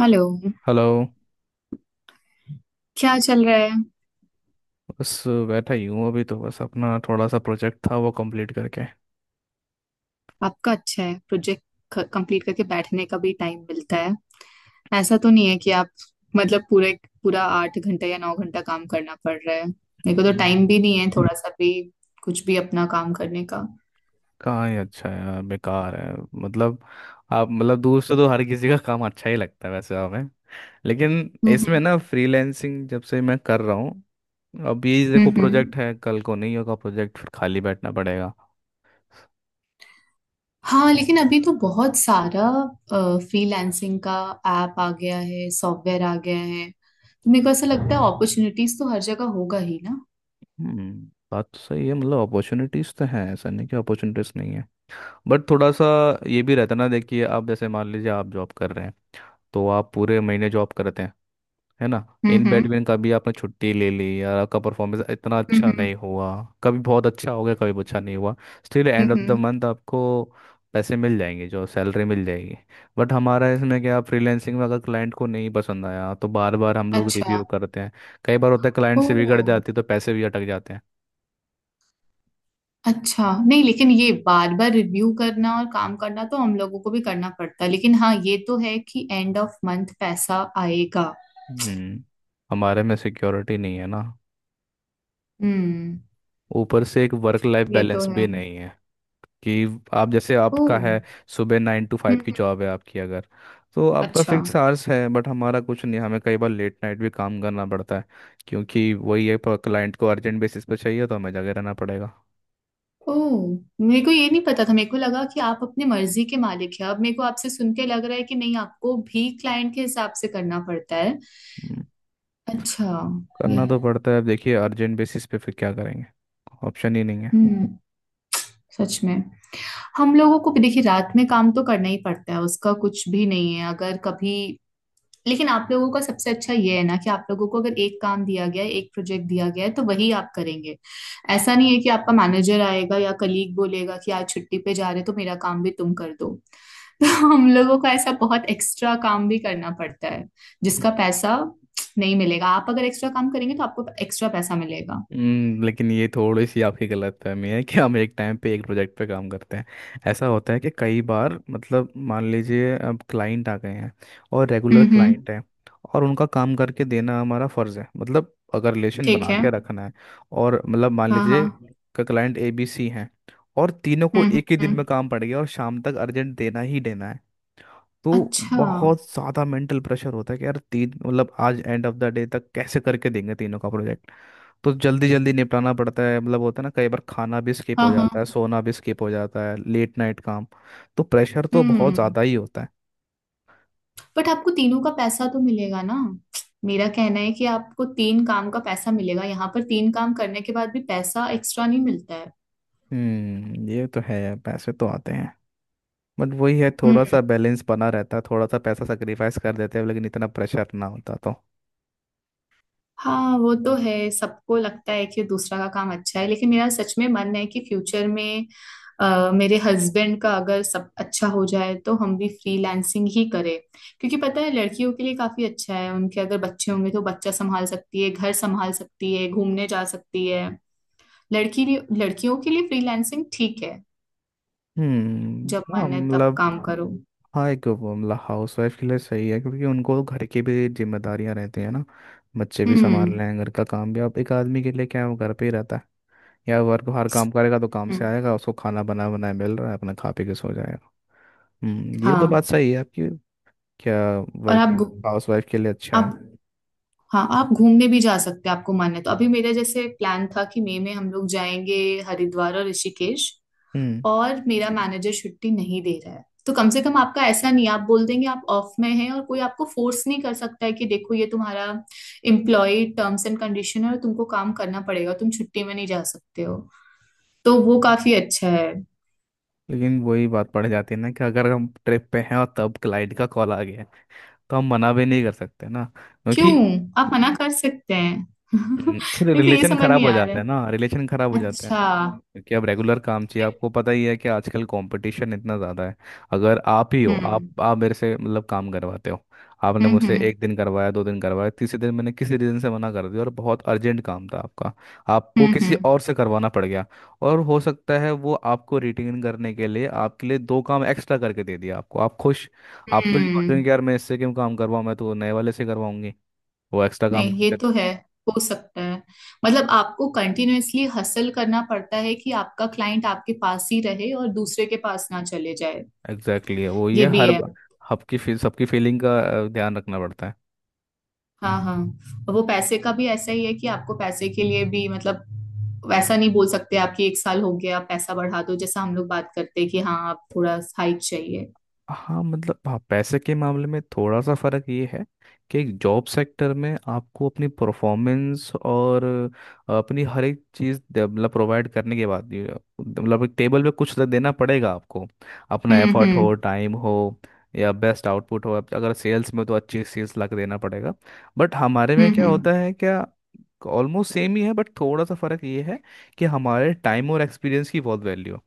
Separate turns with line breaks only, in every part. Hello.
Hello.
क्या चल रहा है?
बस बैठा ही हूँ अभी तो बस अपना थोड़ा सा प्रोजेक्ट था वो कंप्लीट करके।
आपका अच्छा है, प्रोजेक्ट कंप्लीट करके बैठने का भी टाइम मिलता है। ऐसा तो नहीं है कि आप, मतलब पूरे पूरा 8 घंटा या 9 घंटा काम करना पड़ रहा है। मेरे को तो टाइम
हम्म।
भी नहीं है थोड़ा सा भी कुछ भी अपना काम करने का। हम्म।
कहाँ ही अच्छा है यार, बेकार है। मतलब आप, मतलब दूर से तो हर किसी का काम अच्छा ही लगता है वैसे हमें। लेकिन इसमें
हम्म
ना फ्रीलैंसिंग जब से मैं कर रहा हूँ। अब ये
हम्म
देखो प्रोजेक्ट
हम्म।
है, कल को नहीं होगा प्रोजेक्ट, फिर खाली बैठना पड़ेगा।
हाँ लेकिन अभी तो बहुत सारा फ्रीलांसिंग का ऐप आ गया है, सॉफ्टवेयर आ गया है। तो मेरे को ऐसा लगता है अपॉर्चुनिटीज तो हर जगह होगा ही ना।
हम्म। बात तो सही है, मतलब अपॉर्चुनिटीज़ तो हैं, ऐसा नहीं कि अपॉर्चुनिटीज़ नहीं है। बट थोड़ा सा ये भी रहता है ना, देखिए आप जैसे मान लीजिए, आप जॉब कर रहे हैं। तो आप पूरे महीने जॉब करते हैं, है ना।
हम्म
इन
हम्म
बैटमैन का भी आपने छुट्टी ले ली या आपका परफॉर्मेंस इतना अच्छा
हम्म।
नहीं हुआ। कभी बहुत अच्छा हो गया, कभी अच्छा नहीं हुआ। Still
hmm,
end of the
hmm.
Month आपको पैसे मिल जाएंगे, जो सैलरी मिल जाएगी। बट हमारा इसमें क्या, फ्रीलैंसिंग में अगर क्लाइंट को नहीं पसंद आया तो बार बार हम लोग
अच्छा।
रिव्यू करते हैं। कई बार होता है क्लाइंट
ओ।
से बिगड़ जाती है, तो पैसे भी अटक जाते हैं।
अच्छा, नहीं लेकिन ये बार बार रिव्यू करना और काम करना तो हम लोगों को भी करना पड़ता है। लेकिन हाँ, ये तो है कि एंड ऑफ मंथ पैसा आएगा।
हम्म। हमारे में सिक्योरिटी नहीं है ना।
हम्म।
ऊपर से एक वर्क लाइफ
ये तो
बैलेंस भी
है।
नहीं है, कि आप जैसे
ओ
आपका
हम्म।
है। सुबह 9 to 5 की
हम्म,
जॉब है आपकी अगर, तो आपका
अच्छा।
फिक्स आवर्स है। बट हमारा कुछ नहीं, हमें कई बार लेट नाइट भी काम करना पड़ता है। क्योंकि वही है क्लाइंट को अर्जेंट बेसिस पे चाहिए, तो हमें जगह रहना पड़ेगा।
ओ, मेरे को ये नहीं पता था। मेरे को लगा कि आप अपनी मर्जी के मालिक हैं। अब मेरे को आपसे सुन के लग रहा है कि नहीं, आपको भी क्लाइंट के हिसाब से करना पड़ता है।
हम्म,
अच्छा। ये
करना तो पड़ता है। अब देखिए अर्जेंट बेसिस पे फिर क्या करेंगे, ऑप्शन ही नहीं है।
हम्म। सच में। हम लोगों को भी देखिए, रात में काम तो करना ही पड़ता है, उसका कुछ भी नहीं है अगर कभी। लेकिन आप लोगों का सबसे अच्छा ये है ना कि आप लोगों को अगर एक काम दिया गया है, एक प्रोजेक्ट दिया गया है तो वही आप करेंगे। ऐसा नहीं है कि आपका मैनेजर आएगा या कलीग बोलेगा कि आज छुट्टी पे जा रहे हो, तो मेरा काम भी तुम कर दो। तो हम लोगों का ऐसा बहुत एक्स्ट्रा काम भी करना पड़ता है जिसका पैसा नहीं मिलेगा। आप अगर एक्स्ट्रा काम करेंगे तो आपको एक्स्ट्रा पैसा मिलेगा।
लेकिन ये थोड़ी सी आपकी गलतफहमी है कि हम एक टाइम पे एक प्रोजेक्ट पे काम करते हैं। ऐसा होता है कि कई बार मतलब मान लीजिए अब क्लाइंट आ गए हैं, और रेगुलर
हम्म।
क्लाइंट हैं। और उनका काम करके देना हमारा फर्ज है, मतलब अगर रिलेशन
ठीक
बना
है।
के रखना है। और मतलब मान
हाँ
लीजिए
हाँ।
क्लाइंट ABC हैं, और तीनों को एक ही दिन
हम्म।
में काम पड़ गया, और शाम तक अर्जेंट देना ही देना है। तो
अच्छा।
बहुत ज़्यादा मेंटल प्रेशर होता है कि यार, तीन मतलब आज एंड ऑफ द डे तक कैसे करके देंगे तीनों का प्रोजेक्ट। तो जल्दी जल्दी निपटाना पड़ता है, मतलब होता है ना कई बार खाना भी स्किप
हाँ
हो
हाँ।
जाता है, सोना भी स्किप हो जाता है, लेट नाइट काम। तो प्रेशर तो बहुत
हम्म।
ज़्यादा ही होता है।
बट आपको तीनों का पैसा तो मिलेगा ना? मेरा कहना है कि आपको तीन काम का पैसा मिलेगा। यहाँ पर तीन काम करने के बाद भी पैसा एक्स्ट्रा नहीं मिलता है।
ये तो है, पैसे तो आते हैं। बट वही है,
हम्म।
थोड़ा सा बैलेंस बना रहता है, थोड़ा सा पैसा सेक्रीफाइस कर देते हैं, लेकिन इतना प्रेशर ना होता तो।
हाँ वो तो है, सबको लगता है कि दूसरा का काम अच्छा है। लेकिन मेरा सच में मन है कि फ्यूचर में, मेरे हस्बैंड का अगर सब अच्छा हो जाए तो हम भी फ्रीलांसिंग ही करें। क्योंकि पता है लड़कियों के लिए काफी अच्छा है, उनके अगर बच्चे होंगे तो बच्चा संभाल सकती है, घर संभाल सकती है, घूमने जा सकती है। लड़की लड़कियों के लिए फ्रीलांसिंग ठीक है।
हम्म,
जब
हाँ,
मन है तब
मतलब
काम करो।
हाँ, एक वो, मतलब हाउस वाइफ के लिए सही है क्योंकि उनको तो घर की भी जिम्मेदारियां रहती हैं ना। बच्चे भी
हम्म
संभालने हैं, घर का काम भी, अब एक आदमी के लिए क्या है, वो घर पे ही रहता है। या वर्क बाहर काम करेगा तो काम से
हम्म,
आएगा, उसको खाना बना बनाया मिल रहा है, अपना खा पी के सो जाएगा। ये तो बात
हाँ।
सही है आपकी। क्या,
और आप
वर्किंग
घू-
हाउस वाइफ के लिए अच्छा है।
आप हाँ, आप घूमने भी जा सकते हैं आपको मन है तो। अभी मेरा जैसे प्लान था कि मई में हम लोग जाएंगे हरिद्वार और ऋषिकेश,
हम्म
और मेरा मैनेजर छुट्टी नहीं दे रहा है। तो कम से कम आपका ऐसा नहीं, आप बोल देंगे आप ऑफ में हैं और कोई आपको फोर्स नहीं कर सकता है कि देखो ये तुम्हारा एम्प्लॉय टर्म्स एंड कंडीशन है और तुमको काम करना पड़ेगा, तुम छुट्टी में नहीं जा सकते हो। तो वो काफी अच्छा है।
लेकिन वही बात पड़ जाती है ना कि अगर हम ट्रिप पे हैं और तब क्लाइंट का कॉल आ गया। तो हम मना भी नहीं कर सकते ना
क्यों?
क्योंकि।
आप मना कर सकते हैं।
फिर
मेरे को ये
रिलेशन
समझ
खराब
नहीं
हो
आ रहा
जाता है ना, रिलेशन खराब हो
है।
जाता है।
अच्छा।
क्योंकि अब रेगुलर काम चाहिए, आपको पता ही है कि आजकल कंपटीशन इतना ज़्यादा है। अगर आप ही हो,
हम्म
आप मेरे से मतलब काम करवाते हो। आपने
हम्म।
मुझसे एक दिन करवाया, 2 दिन करवाया, तीसरे दिन मैंने किसी रीज़न से मना कर दिया और बहुत अर्जेंट काम था आपका। आपको
हम्म।
किसी और से करवाना पड़ गया। और हो सकता है वो आपको रिटेन करने के लिए आपके लिए दो काम एक्स्ट्रा करके दे दिया, आपको आप खुश। आप तो ये
हम्म।
सोचेंगे कि यार मैं इससे क्यों काम करवाऊँ, मैं तो नए वाले से करवाऊंगी। वो एक्स्ट्रा काम
नहीं ये तो
करते।
है। हो सकता है। मतलब आपको कंटिन्यूअसली हसल करना पड़ता है कि आपका क्लाइंट आपके पास ही रहे और दूसरे के पास ना चले जाए।
एग्जैक्टली exactly, वो ये
ये भी
हर
है।
सबकी फीलिंग का ध्यान रखना पड़ता है।
हाँ हाँ। और वो पैसे का भी ऐसा ही है कि आपको पैसे के लिए भी मतलब वैसा नहीं बोल सकते आपकी एक साल हो गया आप पैसा बढ़ा दो, जैसा हम लोग बात करते हैं कि हाँ आप थोड़ा हाइक चाहिए।
हाँ मतलब, हाँ पैसे के मामले में थोड़ा सा फर्क ये है कि जॉब सेक्टर में आपको अपनी परफॉर्मेंस और अपनी हर एक चीज़ मतलब प्रोवाइड करने के बाद ये, मतलब एक टेबल पे कुछ तो देना पड़ेगा आपको। अपना एफर्ट हो,
हम्म।
टाइम हो, या बेस्ट आउटपुट हो। अब अगर सेल्स में तो अच्छी सेल्स ला के देना पड़ेगा। बट हमारे में क्या
हम्म।
होता है, क्या ऑलमोस्ट सेम ही है, बट थोड़ा सा फर्क ये है कि हमारे टाइम और एक्सपीरियंस की बहुत वैल्यू।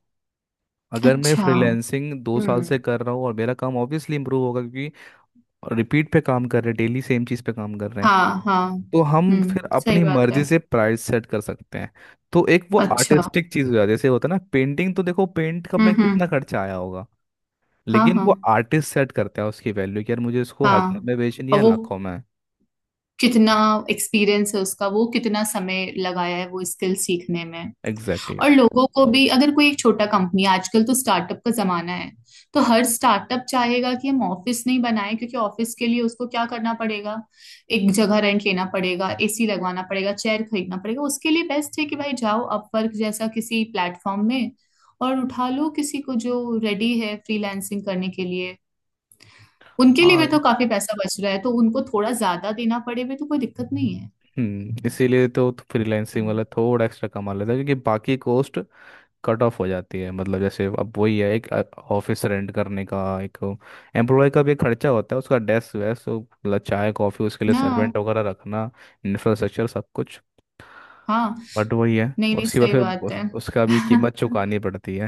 अगर मैं
अच्छा।
फ्रीलैंसिंग 2 साल
हम्म।
से कर रहा हूँ और मेरा काम ऑब्वियसली इंप्रूव होगा क्योंकि रिपीट पे काम कर रहे हैं, डेली सेम चीज़ पे काम कर रहे हैं।
हाँ हाँ।
तो हम
हम्म,
फिर
सही
अपनी
बात
मर्जी
है।
से प्राइस सेट कर सकते हैं। तो एक वो
अच्छा।
आर्टिस्टिक चीज़ हो जाती है, जैसे होता है ना पेंटिंग, तो देखो पेंट का मैं कितना
हम्म।
खर्चा आया होगा,
हाँ
लेकिन वो
हाँ।
आर्टिस्ट सेट करता है उसकी वैल्यू कि यार मुझे इसको हज़ार
हाँ
में बेचनी
और
है,
वो
लाखों में।
कितना एक्सपीरियंस है उसका, वो कितना समय लगाया है वो स्किल सीखने में।
Exactly exactly।
और लोगों को भी, अगर कोई एक छोटा कंपनी, आजकल तो स्टार्टअप का जमाना है, तो हर स्टार्टअप चाहेगा कि हम ऑफिस नहीं बनाए। क्योंकि ऑफिस के लिए उसको क्या करना पड़ेगा, एक जगह रेंट लेना पड़ेगा, एसी लगवाना पड़ेगा, चेयर खरीदना पड़ेगा। उसके लिए बेस्ट है कि भाई जाओ अपवर्क जैसा किसी प्लेटफॉर्म में और उठा लो किसी को जो रेडी है फ्रीलांसिंग करने के लिए। उनके लिए भी
हाँ।
तो काफी पैसा बच रहा है, तो उनको थोड़ा ज्यादा देना पड़े भी तो कोई दिक्कत नहीं है।
इसीलिए तो फ्रीलांसिंग
हम्म,
वाला थोड़ा एक्स्ट्रा कमा लेता है, क्योंकि बाकी कॉस्ट कट ऑफ हो जाती है। मतलब जैसे अब वही है एक ऑफिस रेंट करने का, एक एम्प्लॉय का भी एक खर्चा होता है उसका, डेस्क वेस्क तो मतलब चाय कॉफ़ी, उसके लिए
ना।
सर्वेंट वगैरह रखना, इंफ्रास्ट्रक्चर सब कुछ।
हाँ।
बट वही है
नहीं नहीं,
उसके बाद
सही
फिर
बात है।
उसका भी कीमत चुकानी पड़ती है।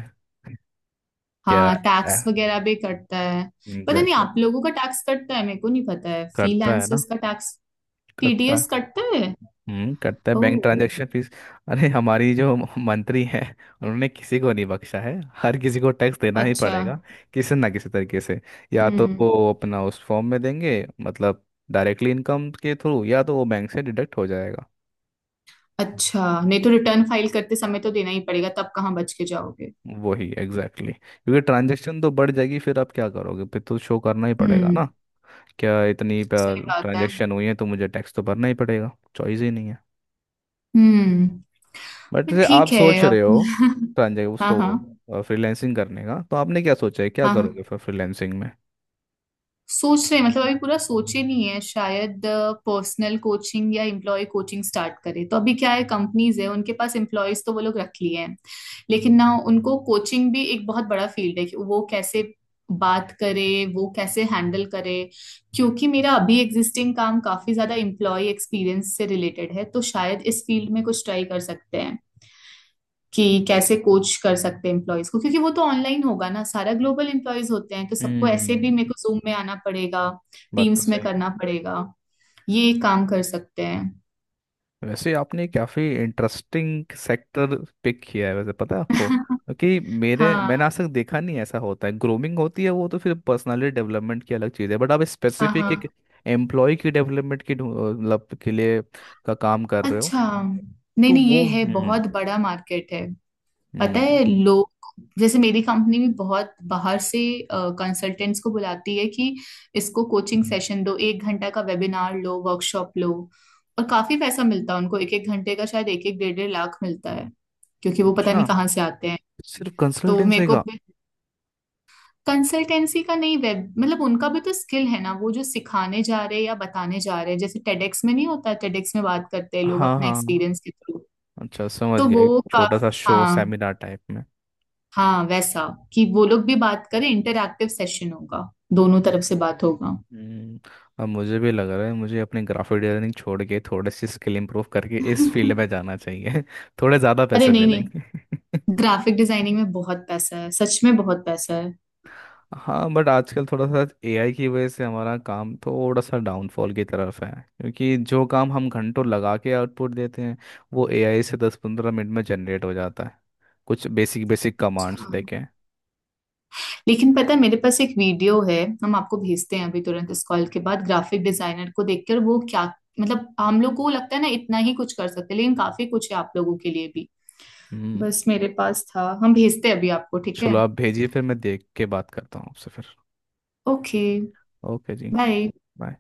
क्या,
हाँ, टैक्स वगैरह भी कटता है। पता नहीं
एग्जैक्टली।
आप लोगों का टैक्स कटता है, मेरे को नहीं पता है
करता है ना।
फ्रीलांसर्स का टैक्स।
करता है।
टीडीएस कटता है?
करता है बैंक
ओह।
Transaction fees. अरे हमारी जो मंत्री हैं, उन्होंने किसी को नहीं बख्शा है। हर किसी को टैक्स देना ही
अच्छा।
पड़ेगा, किसी ना किसी तरीके से। या तो
हम्म।
वो अपना उस फॉर्म में देंगे, मतलब डायरेक्टली इनकम के थ्रू, या तो वो बैंक से डिडक्ट हो जाएगा।
अच्छा, नहीं तो रिटर्न फाइल करते समय तो देना ही पड़ेगा, तब कहाँ बच के जाओगे।
वही एग्जैक्टली exactly। क्योंकि ट्रांजैक्शन तो बढ़ जाएगी, फिर आप क्या करोगे, फिर तो शो करना ही पड़ेगा
हम्म।
ना। क्या इतनी
सही बात है।
ट्रांजैक्शन हुई है, तो मुझे टैक्स तो भरना ही पड़ेगा। चॉइस ही नहीं है।
हम्म।
बट
पर
आप
ठीक है।
सोच
अब
रहे हो ट्रांजे
हाँ
उसको,
हाँ।
फ्रीलैंसिंग करने का तो आपने क्या सोचा है, क्या
हाँ हाँ,
करोगे फिर फ्रीलैंसिंग में।
सोच रहे हैं, मतलब अभी पूरा सोचे नहीं है। शायद पर्सनल कोचिंग या एम्प्लॉय कोचिंग स्टार्ट करे। तो अभी क्या है, कंपनीज है उनके पास एम्प्लॉयज, तो वो लोग रख लिए हैं। लेकिन ना, उनको कोचिंग भी एक बहुत बड़ा फील्ड है कि वो कैसे बात करे, वो कैसे हैंडल करे। क्योंकि मेरा अभी एग्जिस्टिंग काम काफी ज्यादा एम्प्लॉय एक्सपीरियंस से रिलेटेड है, तो शायद इस फील्ड में कुछ ट्राई कर सकते हैं कि कैसे कोच कर सकते हैं एम्प्लॉयज को। क्योंकि वो तो ऑनलाइन होगा ना सारा, ग्लोबल एम्प्लॉयज होते हैं तो सबको, ऐसे भी
हम्म।
मेरे को जूम में आना पड़ेगा,
बात तो
टीम्स में
सही है।
करना पड़ेगा। ये काम कर सकते हैं।
वैसे आपने काफ़ी इंटरेस्टिंग सेक्टर पिक किया है वैसे, पता है आपको, क्योंकि मेरे मैंने
हाँ
आज तक देखा नहीं ऐसा होता है, ग्रूमिंग होती है वो तो, फिर पर्सनालिटी डेवलपमेंट की अलग चीज़ है बट आप
हाँ। हाँ,
स्पेसिफिक एक एम्प्लॉय की डेवलपमेंट की मतलब के लिए का काम कर रहे हो।
अच्छा, नहीं
तो
नहीं, ये
वो,
है, बहुत बड़ा मार्केट है। पता
हम्म।
है, लोग जैसे मेरी कंपनी भी बहुत बाहर से कंसल्टेंट्स को बुलाती है कि इसको कोचिंग सेशन दो, एक घंटा का वेबिनार लो, वर्कशॉप लो। और काफी पैसा मिलता है उनको, एक एक घंटे का शायद एक एक 1.5 लाख मिलता है। क्योंकि वो पता
अच्छा,
नहीं कहाँ से आते हैं।
सिर्फ
तो मेरे
कंसल्टेंसी
को,
का।
कंसल्टेंसी का नहीं, वेब मतलब उनका भी तो स्किल है ना, वो जो सिखाने जा रहे हैं या बताने जा रहे हैं। जैसे टेडेक्स में नहीं होता, टेडेक्स में बात करते हैं लोग
हाँ
अपना
हाँ हाँ।
एक्सपीरियंस के थ्रू।
अच्छा, समझ
तो
गया, एक
वो
छोटा सा
काफी,
शो
हाँ।
सेमिनार टाइप में।
हाँ वैसा, कि वो लोग भी बात करें, इंटरैक्टिव सेशन होगा, दोनों तरफ से बात होगा।
हम्म अब मुझे भी लग रहा है, मुझे अपने ग्राफिक डिजाइनिंग छोड़ के थोड़ी सी स्किल इंप्रूव करके इस फील्ड में जाना चाहिए थोड़े ज़्यादा
अरे
पैसे
नहीं। नहीं,
मिलेंगे।
ग्राफिक डिजाइनिंग में बहुत पैसा है, सच में बहुत पैसा है।
हाँ, बट आजकल थोड़ा सा एआई की वजह से हमारा काम थोड़ा सा डाउनफॉल की तरफ है क्योंकि जो काम हम घंटों लगा के आउटपुट देते हैं वो एआई से 10-15 मिनट में जनरेट हो जाता है, कुछ बेसिक बेसिक
अच्छा,
कमांड्स देके।
लेकिन पता है मेरे पास एक वीडियो है, हम आपको भेजते हैं अभी तुरंत इस कॉल के बाद। ग्राफिक डिजाइनर को देखकर वो क्या, मतलब हम लोग को लगता है ना इतना ही कुछ कर सकते हैं, लेकिन काफी कुछ है आप लोगों के लिए भी।
हम्म
बस मेरे पास था, हम भेजते हैं अभी आपको, ठीक है?
चलो आप भेजिए, फिर मैं देख के बात करता हूँ आपसे फिर।
ओके।
ओके जी।
बाय।
बाय।